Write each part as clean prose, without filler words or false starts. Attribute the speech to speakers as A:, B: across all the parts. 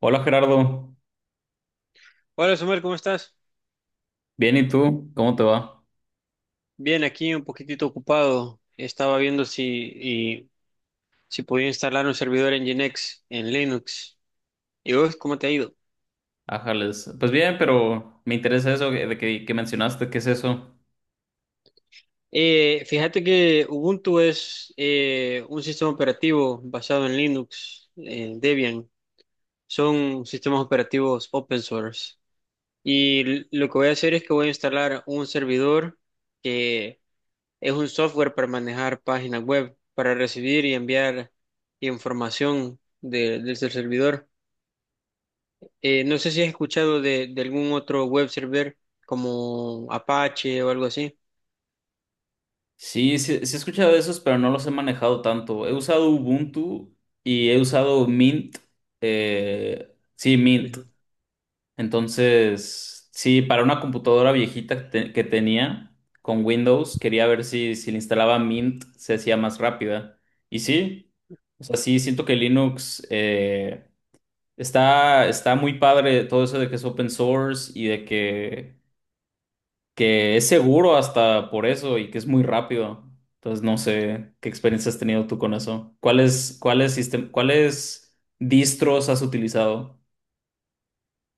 A: Hola Gerardo,
B: Hola, Somer, ¿cómo estás?
A: bien y tú, ¿cómo te va?
B: Bien, aquí un poquitito ocupado. Estaba viendo si podía instalar un servidor en Nginx, en Linux. ¿Y vos, cómo te ha ido?
A: Ájales, pues bien, pero me interesa eso que mencionaste, ¿qué es eso?
B: Fíjate que Ubuntu es un sistema operativo basado en Linux, en Debian. Son sistemas operativos open source. Y lo que voy a hacer es que voy a instalar un servidor. Es un software para manejar páginas web, para recibir y enviar desde el servidor. No sé si has escuchado de algún otro web server como Apache o algo así.
A: Sí, he escuchado de esos, pero no los he manejado tanto. He usado Ubuntu y he usado Mint, sí, Mint.
B: Ujú.
A: Entonces, sí, para una computadora viejita que tenía con Windows, quería ver si le instalaba Mint se hacía más rápida. Y sí, o sea, sí, siento que Linux... está, está muy padre todo eso de que es open source y de que es seguro hasta por eso y que es muy rápido. Entonces no sé qué experiencia has tenido tú con eso. Cuáles distros has utilizado?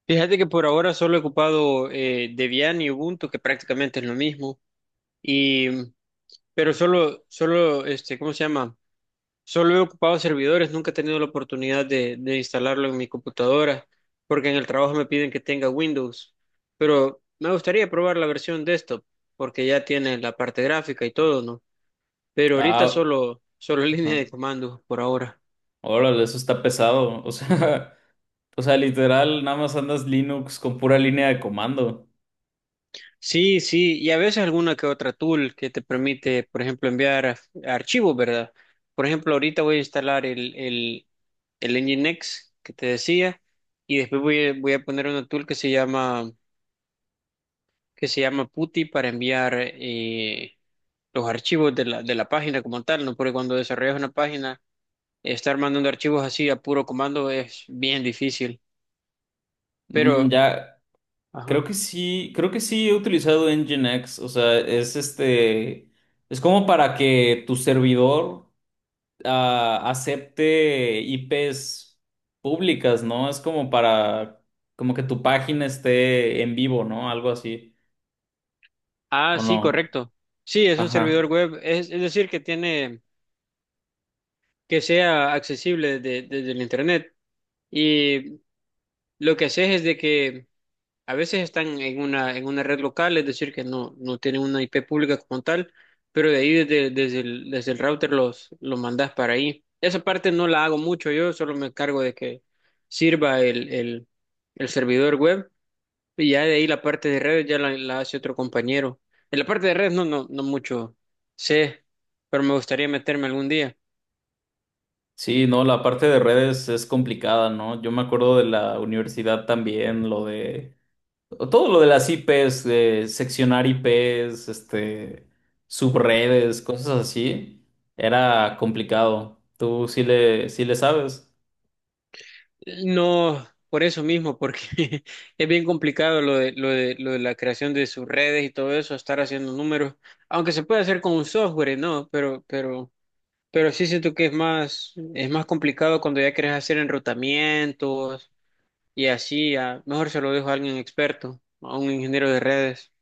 B: Fíjate que por ahora solo he ocupado Debian y Ubuntu, que prácticamente es lo mismo. Y pero ¿cómo se llama? Solo he ocupado servidores, nunca he tenido la oportunidad de instalarlo en mi computadora, porque en el trabajo me piden que tenga Windows. Pero me gustaría probar la versión desktop, porque ya tiene la parte gráfica y todo, ¿no? Pero ahorita
A: Ah,
B: solo línea
A: ajá.
B: de comando por ahora.
A: Órale, eso está pesado. O sea, o sea, literal, nada más andas Linux con pura línea de comando.
B: Sí, sí, y a veces alguna que otra tool que te permite, por ejemplo, archivos, ¿verdad? Por ejemplo, ahorita voy a instalar el Nginx que te decía, y después voy a poner una tool que se llama PuTTY para enviar los archivos de la página como tal, ¿no? Porque cuando desarrollas una página, estar mandando archivos así a puro comando es bien difícil.
A: Mm,
B: Pero,
A: ya, creo
B: ajá.
A: que sí, creo que sí he utilizado Nginx, o sea, es este, es como para que tu servidor acepte IPs públicas, ¿no? Es como para, como que tu página esté en vivo, ¿no? Algo así,
B: Ah,
A: ¿o
B: sí,
A: no?
B: correcto. Sí, es un servidor
A: Ajá.
B: web, es decir, que tiene, que sea desde el internet. Y lo que haces es de que a veces están en una red local, es decir, que no tienen una IP pública como tal, pero de ahí desde el router los mandas para ahí. Esa parte no la hago mucho yo, solo me encargo de que sirva el servidor web y ya de ahí la parte de redes ya la hace otro compañero. En la parte de redes no mucho sé, pero me gustaría meterme algún día.
A: Sí, no, la parte de redes es complicada, ¿no? Yo me acuerdo de la universidad también, lo de todo lo de las IPs, de seccionar IPs, este, subredes, cosas así, era complicado. Tú sí sí le sabes.
B: No, por eso mismo, porque es bien complicado lo de, lo de la creación de sus redes y todo eso, estar haciendo números, aunque se puede hacer con un software, ¿no? Pero sí siento que es más complicado cuando ya quieres hacer enrutamientos y así, mejor se lo dejo a alguien experto, a un ingeniero de redes.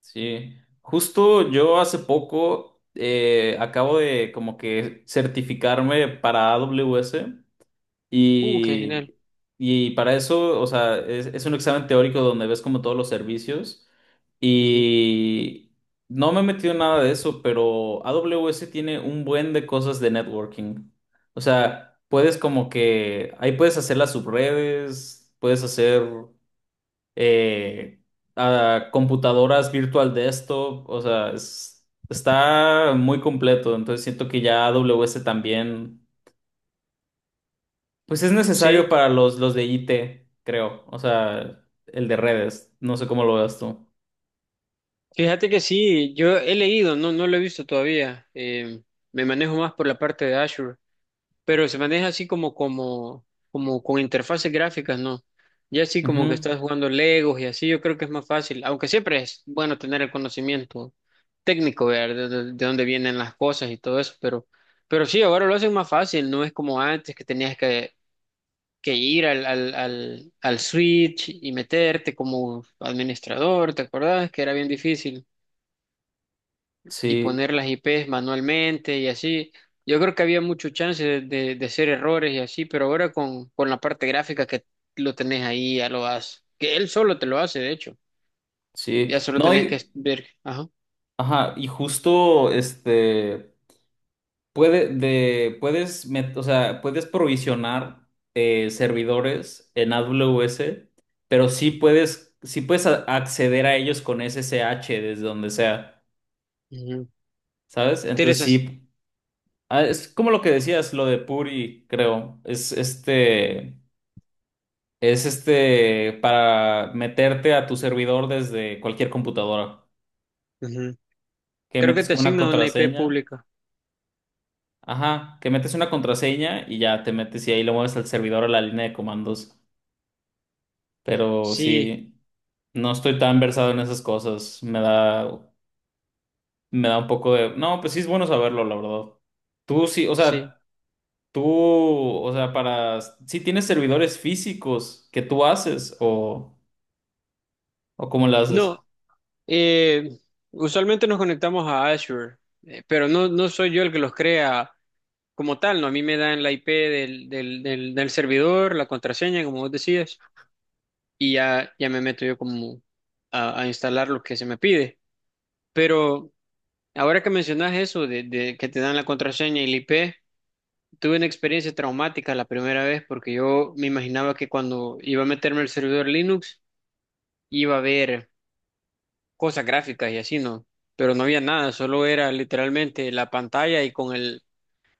A: Sí. Justo yo hace poco acabo de como que certificarme para AWS.
B: Qué
A: Y,
B: genial.
A: y para eso, o sea, es un examen teórico donde ves como todos los servicios.
B: Ujú.
A: Y no me he metido en nada de eso, pero AWS tiene un buen de cosas de networking. O sea, puedes como que ahí puedes hacer las subredes, puedes hacer eh, computadoras virtual desktop. O sea, está muy completo. Entonces siento que ya AWS también. Pues es necesario
B: Sí,
A: para los de IT, creo. O sea, el de redes. No sé cómo lo veas tú.
B: fíjate que sí, yo he leído, no, no lo he visto todavía. Me manejo más por la parte de Azure, pero se maneja así como, como con interfaces gráficas, ¿no? Ya así como que
A: Ujú.
B: estás jugando Legos y así, yo creo que es más fácil, aunque siempre es bueno tener el conocimiento técnico, ver de dónde vienen las cosas y todo eso, pero sí, ahora lo hacen más fácil, no es como antes que tenías que ir al Switch y meterte como administrador, ¿te acordás? Que era bien difícil y
A: Sí,
B: poner las IPs manualmente y así. Yo creo que había mucho chance de hacer errores y así, pero ahora con la parte gráfica que lo tenés ahí, ya lo haces. Que él solo te lo hace, de hecho.
A: sí.
B: Ya solo
A: No,
B: tenés que
A: y,
B: ver. Ajá.
A: ajá, y justo este puede de puedes met- o sea, puedes provisionar servidores en AWS, pero sí puedes acceder a ellos con SSH desde donde sea,
B: Ujú.
A: ¿sabes?
B: Tienes
A: Entonces
B: as-
A: sí, ah, es como lo que decías, lo de Puri, creo. Es este, es este para meterte a tu servidor desde cualquier computadora.
B: ujú.
A: Que
B: Creo que
A: metes
B: te
A: como una
B: asigna una IP
A: contraseña.
B: pública.
A: Ajá, que metes una contraseña y ya te metes y ahí lo mueves al servidor a la línea de comandos. Pero
B: Sí,
A: sí, no estoy tan versado en esas cosas. Me da un poco de. No, pues sí es bueno saberlo, la verdad. Tú sí, o
B: sí.
A: sea, tú, o sea, para. Sí tienes servidores físicos que tú haces o cómo lo haces.
B: No, eh, usualmente nos conectamos a Azure, pero no, no soy yo el que los crea como tal, ¿no? A mí me dan la IP del servidor, la contraseña, como vos decías. Y ya, ya me meto yo como a instalar lo que se me pide. Pero ahora que mencionas eso de que te dan la contraseña y el IP, tuve una experiencia traumática la primera vez porque yo me imaginaba que cuando iba a meterme al servidor Linux iba a haber cosas gráficas y así, ¿no? Pero no había nada, solo era literalmente la pantalla y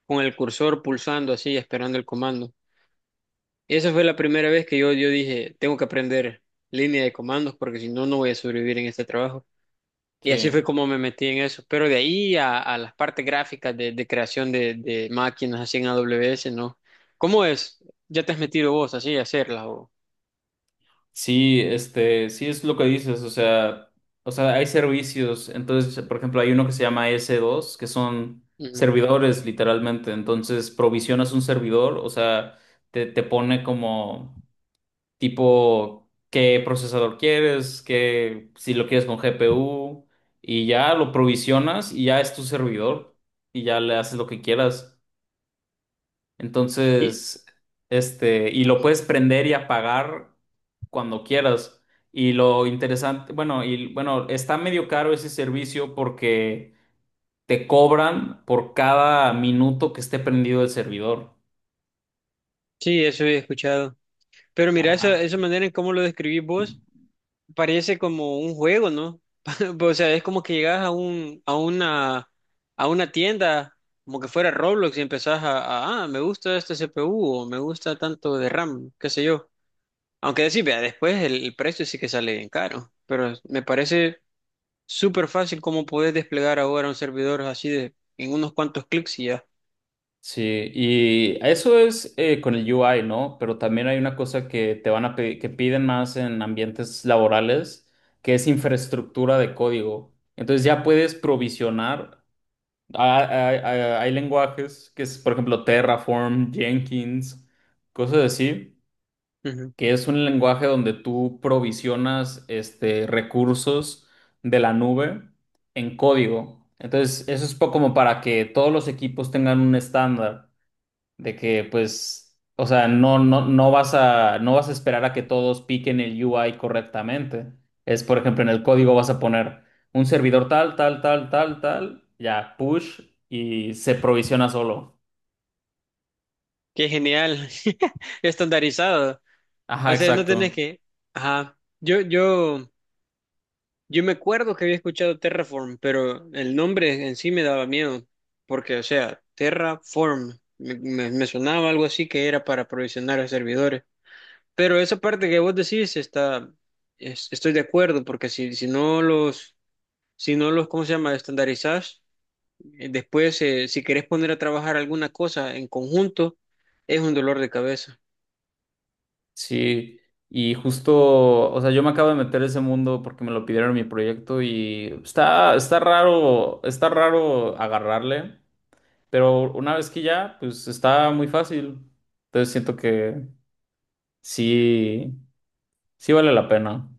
B: con el cursor pulsando así, esperando el comando. Esa fue la primera vez que yo dije, tengo que aprender línea de comandos porque si no, no voy a sobrevivir en este trabajo. Y
A: Sí.
B: así fue como me metí en eso. Pero de ahí a las partes gráficas de creación de máquinas así en AWS, ¿no? ¿Cómo es? ¿Ya te has metido vos así a hacerlas? O...
A: Sí, este, sí es lo que dices, o sea, hay servicios, entonces, por ejemplo, hay uno que se llama s dos que son
B: Ujú.
A: servidores literalmente, entonces provisionas un servidor, o sea, te pone como tipo qué procesador quieres, qué, si lo quieres con GPU, y ya lo provisionas y ya es tu servidor, y ya le haces lo que quieras.
B: Y,
A: Entonces, este, y lo puedes prender y apagar cuando quieras. Y lo interesante, bueno, y bueno, está medio caro ese servicio porque te cobran por cada minuto que esté prendido el servidor.
B: sí, eso he escuchado. Pero mira,
A: Ajá.
B: esa manera en cómo lo describís vos parece como un juego, ¿no? O sea, es como que llegas a a una tienda, como que fuera Roblox y empezás me gusta este CPU o me gusta tanto de RAM, qué sé yo. Aunque decir, vea, después el precio sí que sale bien caro, pero me parece súper fácil cómo podés desplegar ahora un servidor así de en unos cuantos clics y ya.
A: Sí, y eso es con el UI, ¿no? Pero también hay una cosa que te van que piden más en ambientes laborales, que es infraestructura de código. Entonces ya puedes provisionar. Ah, Hay, hay- hay lenguajes que es, por ejemplo, Terraform, Jenkins, cosas así,
B: Ujú,
A: que es un lenguaje donde tú provisionas este, recursos de la nube en código. Entonces, eso es po- como para que todos los equipos tengan un estándar de que pues, o sea, no vas a, no vas a esperar a que todos piquen el UI correctamente. Es, por ejemplo, en el
B: ujú.
A: código vas a poner un servidor tal, tal, tal, tal, tal, ya, push y se provisiona solo.
B: Qué genial, estandarizado.
A: Ajá,
B: O sea, no tenés
A: exacto.
B: que... Ajá, yo me acuerdo que había escuchado Terraform, pero el nombre en sí me daba miedo, porque, o sea, Terraform, me sonaba algo así que era para provisionar servidores. Pero esa parte que vos decís está, estoy de acuerdo, porque si no los, ¿cómo se llama? Estandarizás, después si querés poner a trabajar alguna cosa en conjunto, es un dolor de cabeza.
A: Sí. Y justo, o sea, yo me acabo de meter a ese mundo porque me lo pidieron en mi proyecto y está, está raro agarrarle, pero una vez que ya, pues está muy fácil. Entonces siento que sí, sí vale la pena.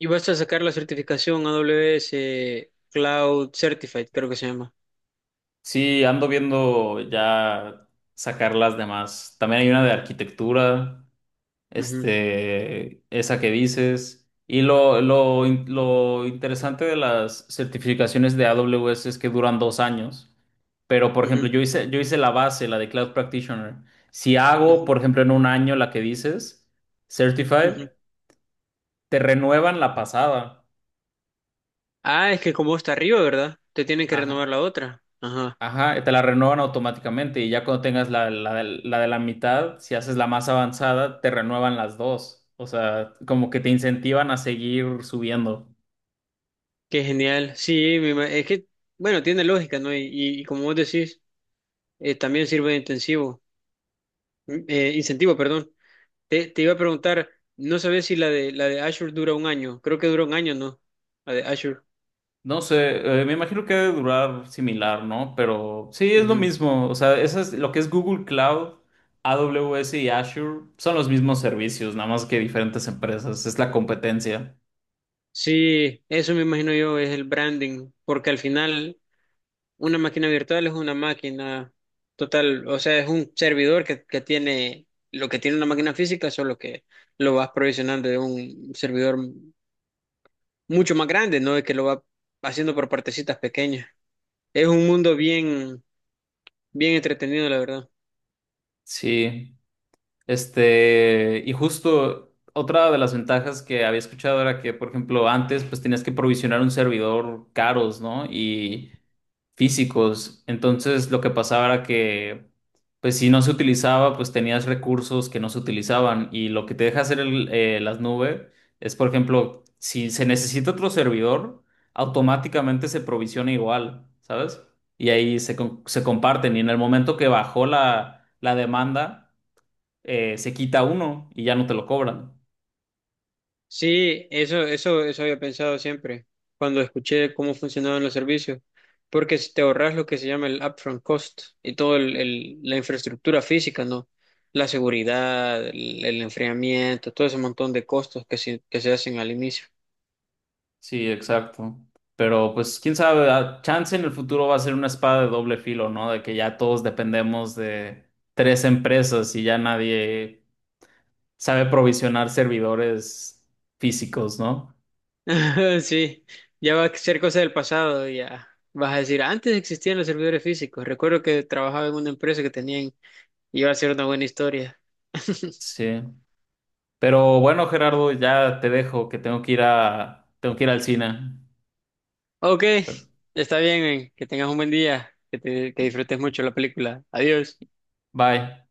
B: Y vas a sacar la certificación AWS Cloud Certified, creo que se llama.
A: Sí, ando viendo ya sacar las demás. También hay una de arquitectura,
B: Ujú,
A: este, esa que dices. Y lo interesante de las certificaciones de AWS es que duran 2 años. Pero, por ejemplo,
B: ujú,
A: yo hice la base, la de Cloud Practitioner. Si hago,
B: ujú,
A: por ejemplo, en un año la que dices, Certified,
B: ujú.
A: te renuevan la pasada.
B: Ah, es que como está arriba, ¿verdad? Te tienen que renovar
A: Ajá.
B: la otra. Ajá,
A: Ajá, te la renuevan automáticamente y ya cuando tengas la de la mitad, si haces la más avanzada, te renuevan las dos. O sea, como que te incentivan a seguir subiendo.
B: qué genial. Sí, me ima- es que, bueno, tiene lógica, ¿no? Y como vos decís. También sirve de intensivo, incentivo, perdón. Te iba a preguntar, no sabía si la de Azure dura 1 año. Creo que dura 1 año, ¿no? La de Azure.
A: No sé, me imagino que debe durar similar, ¿no? Pero sí, es lo
B: Ujú.
A: mismo. O sea, eso es lo que es Google Cloud, AWS y Azure son los mismos servicios, nada más que diferentes empresas. Es la competencia.
B: Sí, eso me imagino yo es el branding, porque al final una máquina virtual es una máquina total, o sea, es un servidor que tiene lo que tiene una máquina física, solo que lo vas provisionando de un servidor mucho más grande, no es que lo va haciendo por partecitas pequeñas. Es un mundo bien, bien entretenido, la verdad.
A: Sí. Este, y justo otra de las ventajas que había escuchado era que, por ejemplo, antes pues tenías que provisionar un servidor caros, ¿no? Y físicos. Entonces lo que pasaba era que, pues si no se utilizaba, pues tenías recursos que no se utilizaban. Y lo que te deja hacer las nubes es, por ejemplo, si se necesita otro servidor, automáticamente se provisiona igual, ¿sabes? Y ahí se comparten. Y en el momento que bajó la demanda se quita uno y ya no te lo cobran.
B: Sí, eso había pensado siempre, cuando escuché cómo funcionaban los servicios, porque si te ahorras lo que se llama el upfront cost y todo la infraestructura física, ¿no? La seguridad, el enfriamiento, todo ese montón de costos que que se hacen al inicio.
A: Sí, exacto. Pero pues quién sabe, a- chance en el futuro va a ser una espada de doble filo, ¿no? De que ya todos dependemos de 3 empresas y ya nadie sabe provisionar servidores físicos, ¿no?
B: Sí, ya va a ser cosa del pasado, ya vas a decir, antes existían los servidores físicos, recuerdo que trabajaba en una empresa que tenían, y iba a ser una buena historia.
A: Sí. Pero bueno, Gerardo, ya te dejo, que tengo que ir a, tengo que ir al cine.
B: Ok,
A: Pero-
B: está bien, que tengas un buen día, que
A: y-
B: disfrutes mucho la película. Adiós.
A: Bye.